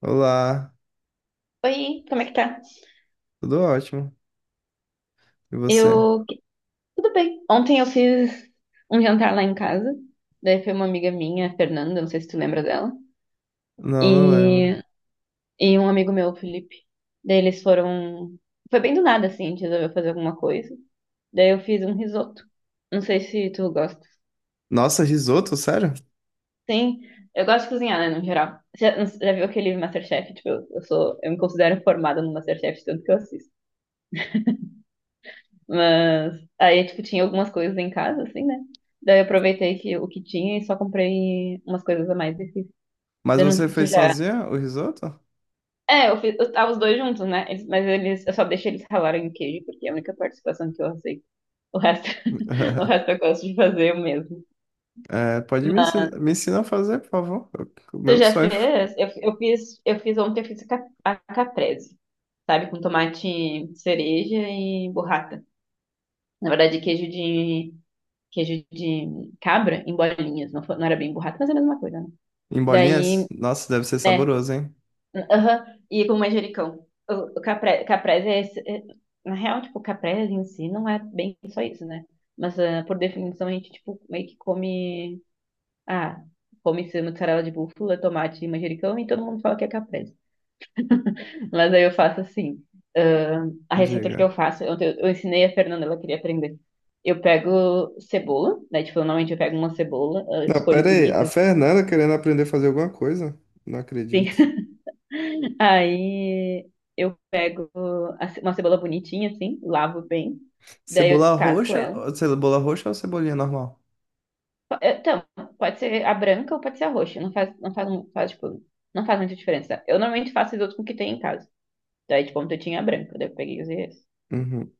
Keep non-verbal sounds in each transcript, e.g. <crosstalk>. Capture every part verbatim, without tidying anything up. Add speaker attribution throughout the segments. Speaker 1: Olá,
Speaker 2: Oi, como é que tá?
Speaker 1: tudo ótimo. E você?
Speaker 2: Eu. Tudo bem. Ontem eu fiz um jantar lá em casa. Daí foi uma amiga minha, a Fernanda, não sei se tu lembra dela.
Speaker 1: Não, não
Speaker 2: E,
Speaker 1: lembro.
Speaker 2: e um amigo meu, o Felipe. Daí eles foram. Foi bem do nada, assim, a gente resolveu fazer alguma coisa. Daí eu fiz um risoto. Não sei se tu gosta.
Speaker 1: Nossa, risoto, sério?
Speaker 2: Sim, eu gosto de cozinhar, né, no geral. Você Já, já viu aquele MasterChef? Tipo, eu, eu sou. Eu me considero formada no MasterChef, tanto que eu assisto. Mas aí, tipo, tinha algumas coisas em casa, assim, né? Daí eu aproveitei que, o que tinha e só comprei umas coisas a mais e fiz.
Speaker 1: Mas
Speaker 2: Daí
Speaker 1: você
Speaker 2: não- tu
Speaker 1: fez
Speaker 2: já.
Speaker 1: sozinha o risoto?
Speaker 2: É, eu fiz, eu tava os dois juntos, né? Eles- mas eles, eu só deixei eles ralarem o queijo, porque é a única participação que eu aceito. O resto, <laughs> o
Speaker 1: <laughs>
Speaker 2: resto eu gosto de fazer eu mesmo.
Speaker 1: É, pode me
Speaker 2: Mas
Speaker 1: ensinar, me ensinar a fazer, por favor. O
Speaker 2: tu
Speaker 1: meu
Speaker 2: já
Speaker 1: sonho.
Speaker 2: fez? Eu, eu fiz, eu fiz ontem, eu fiz a, cap- a caprese, sabe? Com tomate cereja e burrata. Na verdade, queijo de queijo de cabra em bolinhas. Não, fo- não era bem burrata, mas é a mesma coisa, né?
Speaker 1: Em
Speaker 2: Daí,
Speaker 1: bolinhas? Nossa, deve ser
Speaker 2: né?
Speaker 1: saboroso, hein?
Speaker 2: Aham. E com manjericão. O, o capre- caprese é, esse- é- na real, tipo, caprese em si não é bem só isso, né? Mas ah, por definição a gente, tipo, meio que come. Ah, come esse mussarela de búfala, tomate e manjericão e todo mundo fala que é caprese. Mas aí eu faço assim. Ahn, a receita que
Speaker 1: Diga.
Speaker 2: eu faço, eu, eu ensinei a Fernanda, ela queria aprender. Eu pego cebola, né? Tipo, normalmente eu pego uma cebola, ah,
Speaker 1: Não,
Speaker 2: escolho
Speaker 1: pera aí. A
Speaker 2: bonita, assim.
Speaker 1: Fernanda querendo aprender a fazer alguma coisa? Não acredito.
Speaker 2: Sim. <laughs> Aí eu pego a ce- uma cebola bonitinha, assim, lavo bem. Daí eu
Speaker 1: Cebola
Speaker 2: descasco
Speaker 1: roxa,
Speaker 2: ela.
Speaker 1: cebola roxa ou cebolinha normal?
Speaker 2: Po- Então, pode ser a branca ou pode ser a roxa. Não faz, não faz, não faz, tipo, não faz muita diferença. Eu normalmente faço risoto com o que tem em casa. Daí, tipo, ontem eu tinha a branca, daí eu peguei e usei essa.
Speaker 1: Uhum.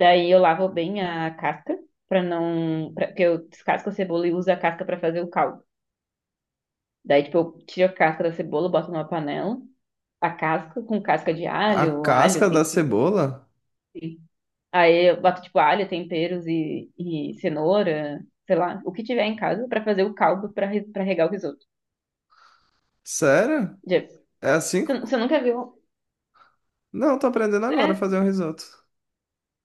Speaker 2: Daí eu lavo bem a casca para não, pra, porque eu descasco a cebola e uso a casca para fazer o caldo. Daí tipo eu tiro a casca da cebola, boto numa panela, a casca com casca de
Speaker 1: A
Speaker 2: alho, alho,
Speaker 1: casca da
Speaker 2: tempero.
Speaker 1: cebola?
Speaker 2: Enfim. Aí eu boto tipo alho, temperos e, e cenoura, sei lá, o que tiver em casa para fazer o caldo para para regar o risoto.
Speaker 1: Sério?
Speaker 2: Já-
Speaker 1: É assim?
Speaker 2: Você, você nunca viu?
Speaker 1: Não, tô aprendendo agora a
Speaker 2: É,
Speaker 1: fazer um risoto.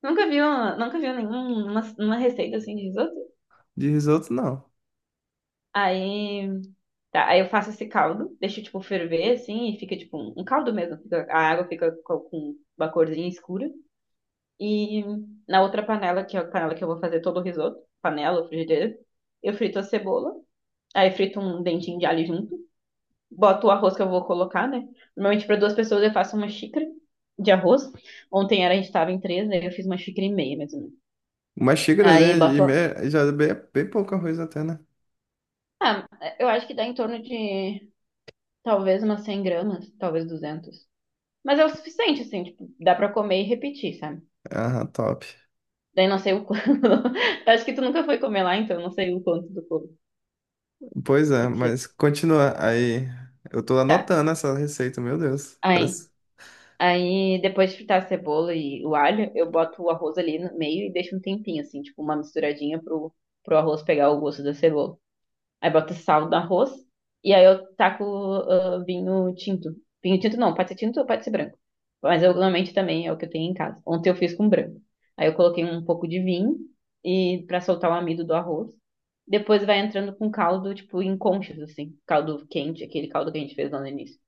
Speaker 2: nunca viu, nunca viu nenhuma uma receita assim de risoto?
Speaker 1: De risoto, não.
Speaker 2: Aí Tá, aí eu faço esse caldo, deixo, tipo, ferver, assim, e fica, tipo, um um caldo mesmo. Fica- a água fica co- com uma corzinha escura. E na outra panela, que é a panela que eu vou fazer todo o risoto, panela ou frigideira, eu frito a cebola. Aí frito um dentinho de alho junto. Boto o arroz que eu vou colocar, né? Normalmente, para duas pessoas, eu faço uma xícara de arroz. Ontem era, a gente tava em três, né? Eu fiz uma xícara e meia, mais ou menos.
Speaker 1: Mas xícaras
Speaker 2: Aí
Speaker 1: né, e
Speaker 2: boto...
Speaker 1: meia já é bem, bem pouco arroz até, né?
Speaker 2: Ah, eu acho que dá em torno de, talvez, umas cem gramas, talvez duzentas. Mas é o suficiente, assim, tipo, dá pra comer e repetir, sabe?
Speaker 1: Aham, top.
Speaker 2: Daí não sei o quanto. <laughs> Acho que tu nunca foi comer lá, então não sei o quanto do corpo
Speaker 1: Pois é,
Speaker 2: precisa
Speaker 1: mas continua. Aí, eu tô
Speaker 2: fritar.
Speaker 1: anotando essa receita, meu Deus.
Speaker 2: Aí,
Speaker 1: Parece...
Speaker 2: aí, depois de fritar a cebola e o alho, eu boto o arroz ali no meio e deixo um tempinho, assim, tipo, uma misturadinha pro, pro arroz pegar o gosto da cebola. Aí boto sal no arroz. E aí eu taco ah, vinho tinto. Vinho tinto não, pode ser tinto ou pode ser branco. Mas eu normalmente também é o que eu tenho em casa. Ontem eu fiz com branco. Aí eu coloquei um pouco de vinho e para soltar o amido do arroz. Depois vai entrando com caldo, tipo, em conchas, assim. Caldo quente, aquele caldo que a gente fez lá no início.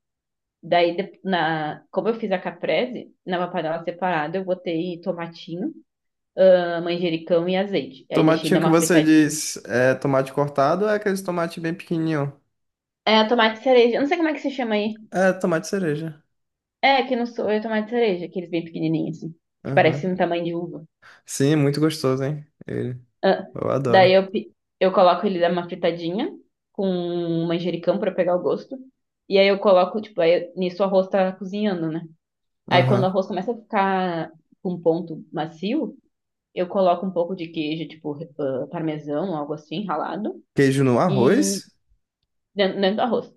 Speaker 2: Daí, de- na, como eu fiz a caprese, numa panela separada, eu botei tomatinho, ah, manjericão e azeite. Aí deixei dar
Speaker 1: Tomatinho que
Speaker 2: uma
Speaker 1: você
Speaker 2: fritadinha.
Speaker 1: diz é tomate cortado ou é aqueles tomate bem pequenininho?
Speaker 2: É, tomate cereja. Eu não sei como é que se chama aí.
Speaker 1: É, tomate cereja.
Speaker 2: É, que não sou eu tomate de cereja, aqueles bem pequenininhos, assim, que
Speaker 1: Aham.
Speaker 2: parece um tamanho de uva.
Speaker 1: Sim, muito gostoso, hein? Ele.
Speaker 2: Ah,
Speaker 1: Eu adoro.
Speaker 2: daí eu, pi- eu coloco ele dar uma fritadinha com manjericão pra pegar o gosto. E aí eu coloco, tipo, aí nisso o arroz tá cozinhando, né? Aí quando o
Speaker 1: Aham.
Speaker 2: arroz começa a ficar com um ponto macio, eu coloco um pouco de queijo, tipo, ah, parmesão, algo assim, ralado,
Speaker 1: Queijo no
Speaker 2: e
Speaker 1: arroz?
Speaker 2: dentro, dentro do arroz.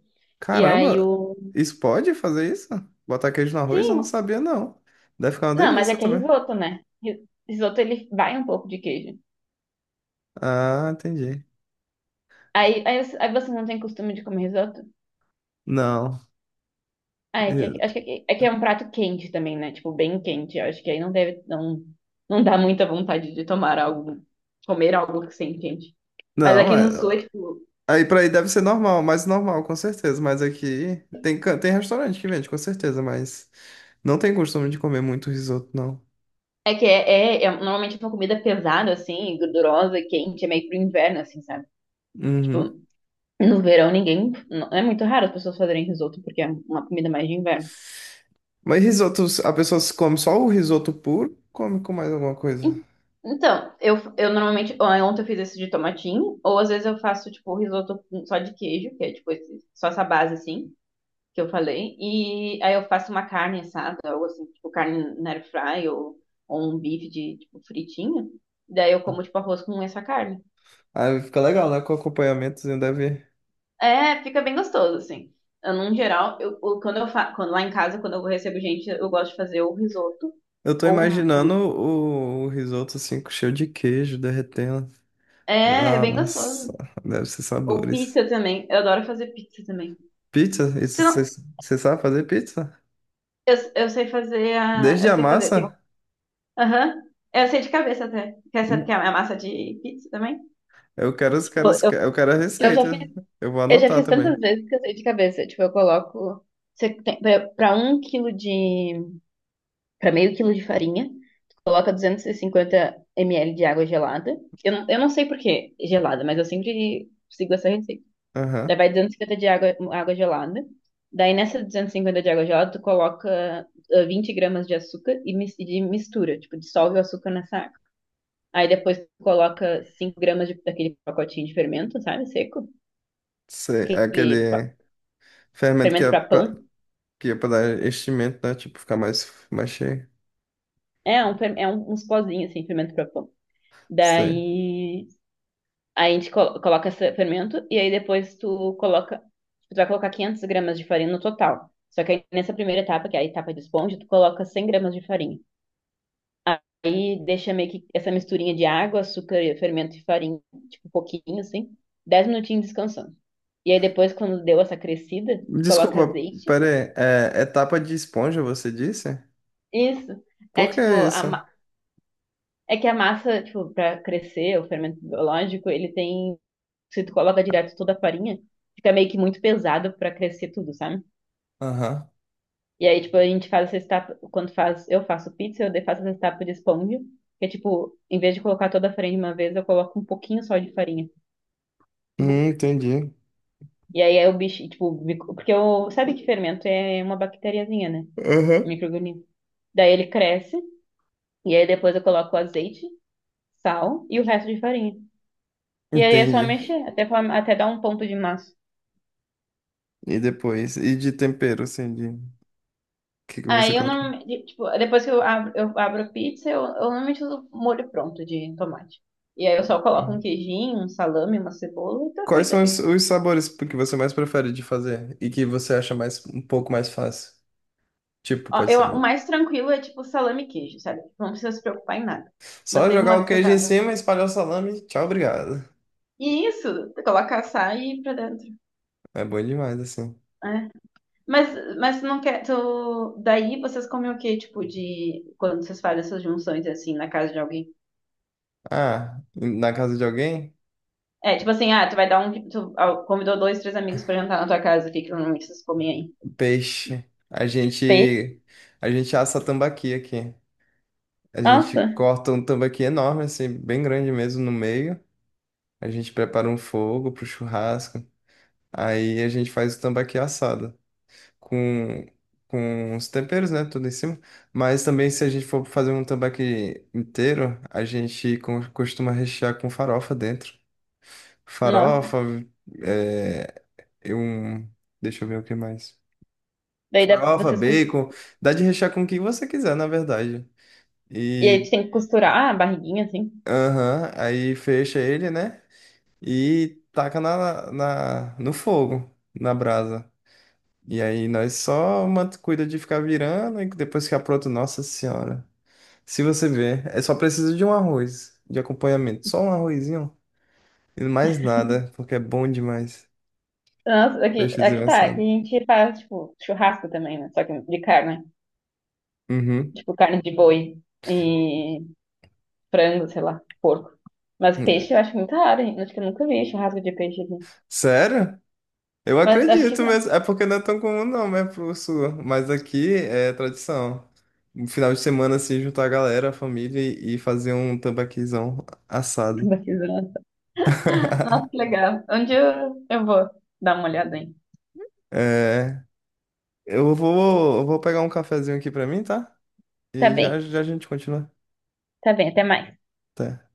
Speaker 2: E aí
Speaker 1: Caramba,
Speaker 2: o.
Speaker 1: isso pode fazer isso? Botar queijo no arroz? Eu não
Speaker 2: Sim,
Speaker 1: sabia, não. Deve ficar uma
Speaker 2: não, mas é
Speaker 1: delícia
Speaker 2: que é
Speaker 1: também.
Speaker 2: risoto, né? Ri- Risoto ele vai um pouco de queijo.
Speaker 1: Ah, entendi.
Speaker 2: Aí, aí, você- aí você não tem costume de comer risoto?
Speaker 1: Não,
Speaker 2: Ah, é que, é que- acho
Speaker 1: eu-
Speaker 2: que aqui- é, que é um prato quente também, né? Tipo, bem quente. Eu acho que aí não deve, não, não dá muita vontade de tomar algo, comer algo que sem quente. Mas
Speaker 1: não,
Speaker 2: aqui
Speaker 1: é-
Speaker 2: no sul é tipo,
Speaker 1: Aí pra aí deve ser normal, mais normal, com certeza. Mas aqui tem, can- tem restaurante que vende, com certeza, mas não tem costume de comer muito risoto, não.
Speaker 2: é que é, é, é normalmente é uma comida pesada, assim, gordurosa, quente, é meio pro inverno, assim, sabe?
Speaker 1: Uhum.
Speaker 2: Tipo, no verão ninguém, não, é muito raro as pessoas fazerem risoto, porque é uma comida mais de inverno.
Speaker 1: Mas risoto, a pessoa se come só o risoto puro, come com mais alguma coisa.
Speaker 2: En- Então, eu, eu normalmente, ó, ontem eu fiz esse de tomatinho, ou às vezes eu faço, tipo, risoto com- só de queijo, que é, tipo, esse- só essa base, assim, que eu falei, e aí eu faço uma carne assada, ou assim, tipo, carne na air fry, ou, ou um bife de, tipo, fritinho, daí eu como, tipo, arroz com essa carne.
Speaker 1: Aí fica legal, né? Com acompanhamentozinho deve.
Speaker 2: É, fica bem gostoso, assim. Eu, no geral, eu, eu- quando eu fa quando lá em casa, quando eu recebo gente, eu gosto de fazer o risoto,
Speaker 1: Eu tô
Speaker 2: ou, um-
Speaker 1: imaginando
Speaker 2: um-
Speaker 1: o, o risoto assim, com cheio de queijo, derretendo.
Speaker 2: é, é bem
Speaker 1: Nossa,
Speaker 2: gostoso.
Speaker 1: deve ser
Speaker 2: Ou
Speaker 1: sabores.
Speaker 2: pizza também, eu adoro fazer pizza também.
Speaker 1: Pizza? Isso, você sabe fazer pizza?
Speaker 2: Eu, eu sei fazer a.
Speaker 1: Desde
Speaker 2: Eu
Speaker 1: a
Speaker 2: sei fazer. tem-
Speaker 1: massa?
Speaker 2: Aham. Eu sei de cabeça até. Quer saber que é a massa de pizza também?
Speaker 1: Eu quero os
Speaker 2: Tipo,
Speaker 1: caras,
Speaker 2: eu,
Speaker 1: eu quero a
Speaker 2: eu já fiz,
Speaker 1: receita. Eu vou
Speaker 2: eu já
Speaker 1: anotar
Speaker 2: fiz
Speaker 1: também.
Speaker 2: tantas vezes que eu sei de cabeça. Tipo, eu coloco. Você tem, pra, pra um quilo de. Pra meio quilo de farinha, tu coloca duzentos e cinquenta ml de água gelada. Eu não, eu não sei por que gelada, mas eu sempre sigo essa receita.
Speaker 1: Aham.
Speaker 2: Daí vai duzentos e cinquenta de água, água gelada. Daí nessa duzentos e cinquenta de água gelada, tu coloca ah, vinte gramas de açúcar e, mis- e de mistura, tipo, dissolve o açúcar nessa água. Aí depois tu coloca cinco gramas de- daquele pacotinho de fermento, sabe, seco,
Speaker 1: Sei, é
Speaker 2: aquele pa-
Speaker 1: aquele fermento que
Speaker 2: fermento
Speaker 1: é
Speaker 2: para
Speaker 1: pra,
Speaker 2: pão.
Speaker 1: que é pra dar enchimento, né? Tipo, ficar mais, mais cheio.
Speaker 2: É, um, fer- é um, uns pozinhos assim, fermento para pão.
Speaker 1: Sei.
Speaker 2: Daí aí a gente colo- coloca esse fermento e aí depois tu coloca, tu vai colocar quinhentas gramas de farinha no total. Só que aí nessa primeira etapa, que é a etapa de esponja, tu coloca cem gramas de farinha. Aí deixa meio que essa misturinha de água, açúcar, fermento e farinha, tipo um pouquinho assim, dez minutinhos descansando. E aí depois, quando deu essa crescida, tu coloca
Speaker 1: Desculpa,
Speaker 2: azeite.
Speaker 1: pera aí. É, é tapa de esponja, você disse?
Speaker 2: Isso. É
Speaker 1: Por que
Speaker 2: tipo, a
Speaker 1: isso?
Speaker 2: ma- É que a massa, tipo, pra crescer, o fermento biológico, ele tem. Se tu coloca direto toda a farinha, fica meio que muito pesado pra crescer tudo, sabe?
Speaker 1: Aham.
Speaker 2: E aí, tipo, a gente faz essa etapa. Quando faz, eu faço pizza, eu faço essa etapa de esponja. Que é tipo, em vez de colocar toda a farinha de uma vez, eu coloco um pouquinho só de farinha.
Speaker 1: Hum, entendi.
Speaker 2: E aí é o bicho, tipo, mico- porque o, sabe que fermento é uma bactériazinha, né? Um
Speaker 1: Aham.
Speaker 2: microorganismo. Daí ele cresce, e aí depois eu coloco o azeite, sal e o resto de farinha. E aí é só
Speaker 1: Entendi.
Speaker 2: mexer, até, form- até dar um ponto de massa.
Speaker 1: E depois? E de tempero, assim, de... O que que você
Speaker 2: Aí eu
Speaker 1: coloca?
Speaker 2: normalmente, tipo, depois que eu abro, eu abro a pizza, eu, eu normalmente uso molho pronto de tomate. E aí eu só coloco um queijinho, um salame, uma cebola e tá
Speaker 1: Quais
Speaker 2: feita a
Speaker 1: são os,
Speaker 2: pizza.
Speaker 1: os sabores que você mais prefere de fazer e que você acha mais um pouco mais fácil? Tipo,
Speaker 2: Ó,
Speaker 1: pode
Speaker 2: eu,
Speaker 1: ser
Speaker 2: o mais tranquilo é tipo salame e queijo, sabe? Não precisa se preocupar em nada. Mas
Speaker 1: só
Speaker 2: teve uma
Speaker 1: jogar o
Speaker 2: vez que eu
Speaker 1: queijo em
Speaker 2: tava
Speaker 1: cima, espalhar o salame, tchau, obrigado.
Speaker 2: E isso, coloca açaí pra dentro.
Speaker 1: É bom demais assim.
Speaker 2: É. Mas, mas tu não quer. Tu... Daí vocês comem o quê? Tipo, de. Quando vocês fazem essas junções assim na casa de alguém?
Speaker 1: Ah, na casa de alguém?
Speaker 2: É, tipo assim, ah, tu vai dar um. Tu ah, convidou dois, três amigos pra jantar na tua casa, o que que normalmente vocês comem aí?
Speaker 1: Peixe. A
Speaker 2: Peixe?
Speaker 1: gente a gente assa tambaqui aqui. A gente
Speaker 2: Nossa,
Speaker 1: corta um tambaqui enorme assim, bem grande mesmo no meio. A gente prepara um fogo pro churrasco. Aí a gente faz o tambaqui assado. com, com os temperos, né? Tudo em cima. Mas também, se a gente for fazer um tambaqui inteiro, a gente co- costuma rechear com farofa dentro.
Speaker 2: nossa.
Speaker 1: Farofa, é, e um. Deixa eu ver o que mais.
Speaker 2: Daí dá-
Speaker 1: Farofa,
Speaker 2: vocês. Cos-
Speaker 1: bacon. Dá de rechear com o que você quiser, na verdade.
Speaker 2: E aí
Speaker 1: E.
Speaker 2: tu tem que costurar a barriguinha assim.
Speaker 1: Aham, aí fecha ele, né? E taca na, na, no fogo, na brasa. E aí nós só mant- cuida de ficar virando e depois que apronta, nossa senhora. Se você ver, é só precisa de um arroz de acompanhamento. Só um arrozinho e mais nada, porque é bom demais.
Speaker 2: Nossa, aqui,
Speaker 1: Peixezinho
Speaker 2: aqui tá. Aqui a
Speaker 1: assado.
Speaker 2: gente faz, tipo, churrasco também, né? Só que de carne.
Speaker 1: Uhum.
Speaker 2: Tipo, carne de boi. E frango, sei lá, porco. Mas peixe eu acho muito raro, hein? Acho que eu nunca vi churrasco de peixe aqui.
Speaker 1: Sério? Eu
Speaker 2: Mas acho que
Speaker 1: acredito
Speaker 2: não.
Speaker 1: mesmo.
Speaker 2: <laughs>
Speaker 1: É porque não é tão comum não, né, pro sul. Mas aqui é tradição. No final de semana, assim, juntar a galera, a família e e fazer um tambaquizão assado.
Speaker 2: Tô risada. Nossa, que
Speaker 1: <laughs>
Speaker 2: legal. Onde eu, eu vou dar uma olhada, hein?
Speaker 1: É. Eu vou, eu vou pegar um cafezinho aqui pra mim, tá?
Speaker 2: Tá
Speaker 1: E
Speaker 2: bem,
Speaker 1: já, já a gente continua.
Speaker 2: tá bem, até mais.
Speaker 1: Até.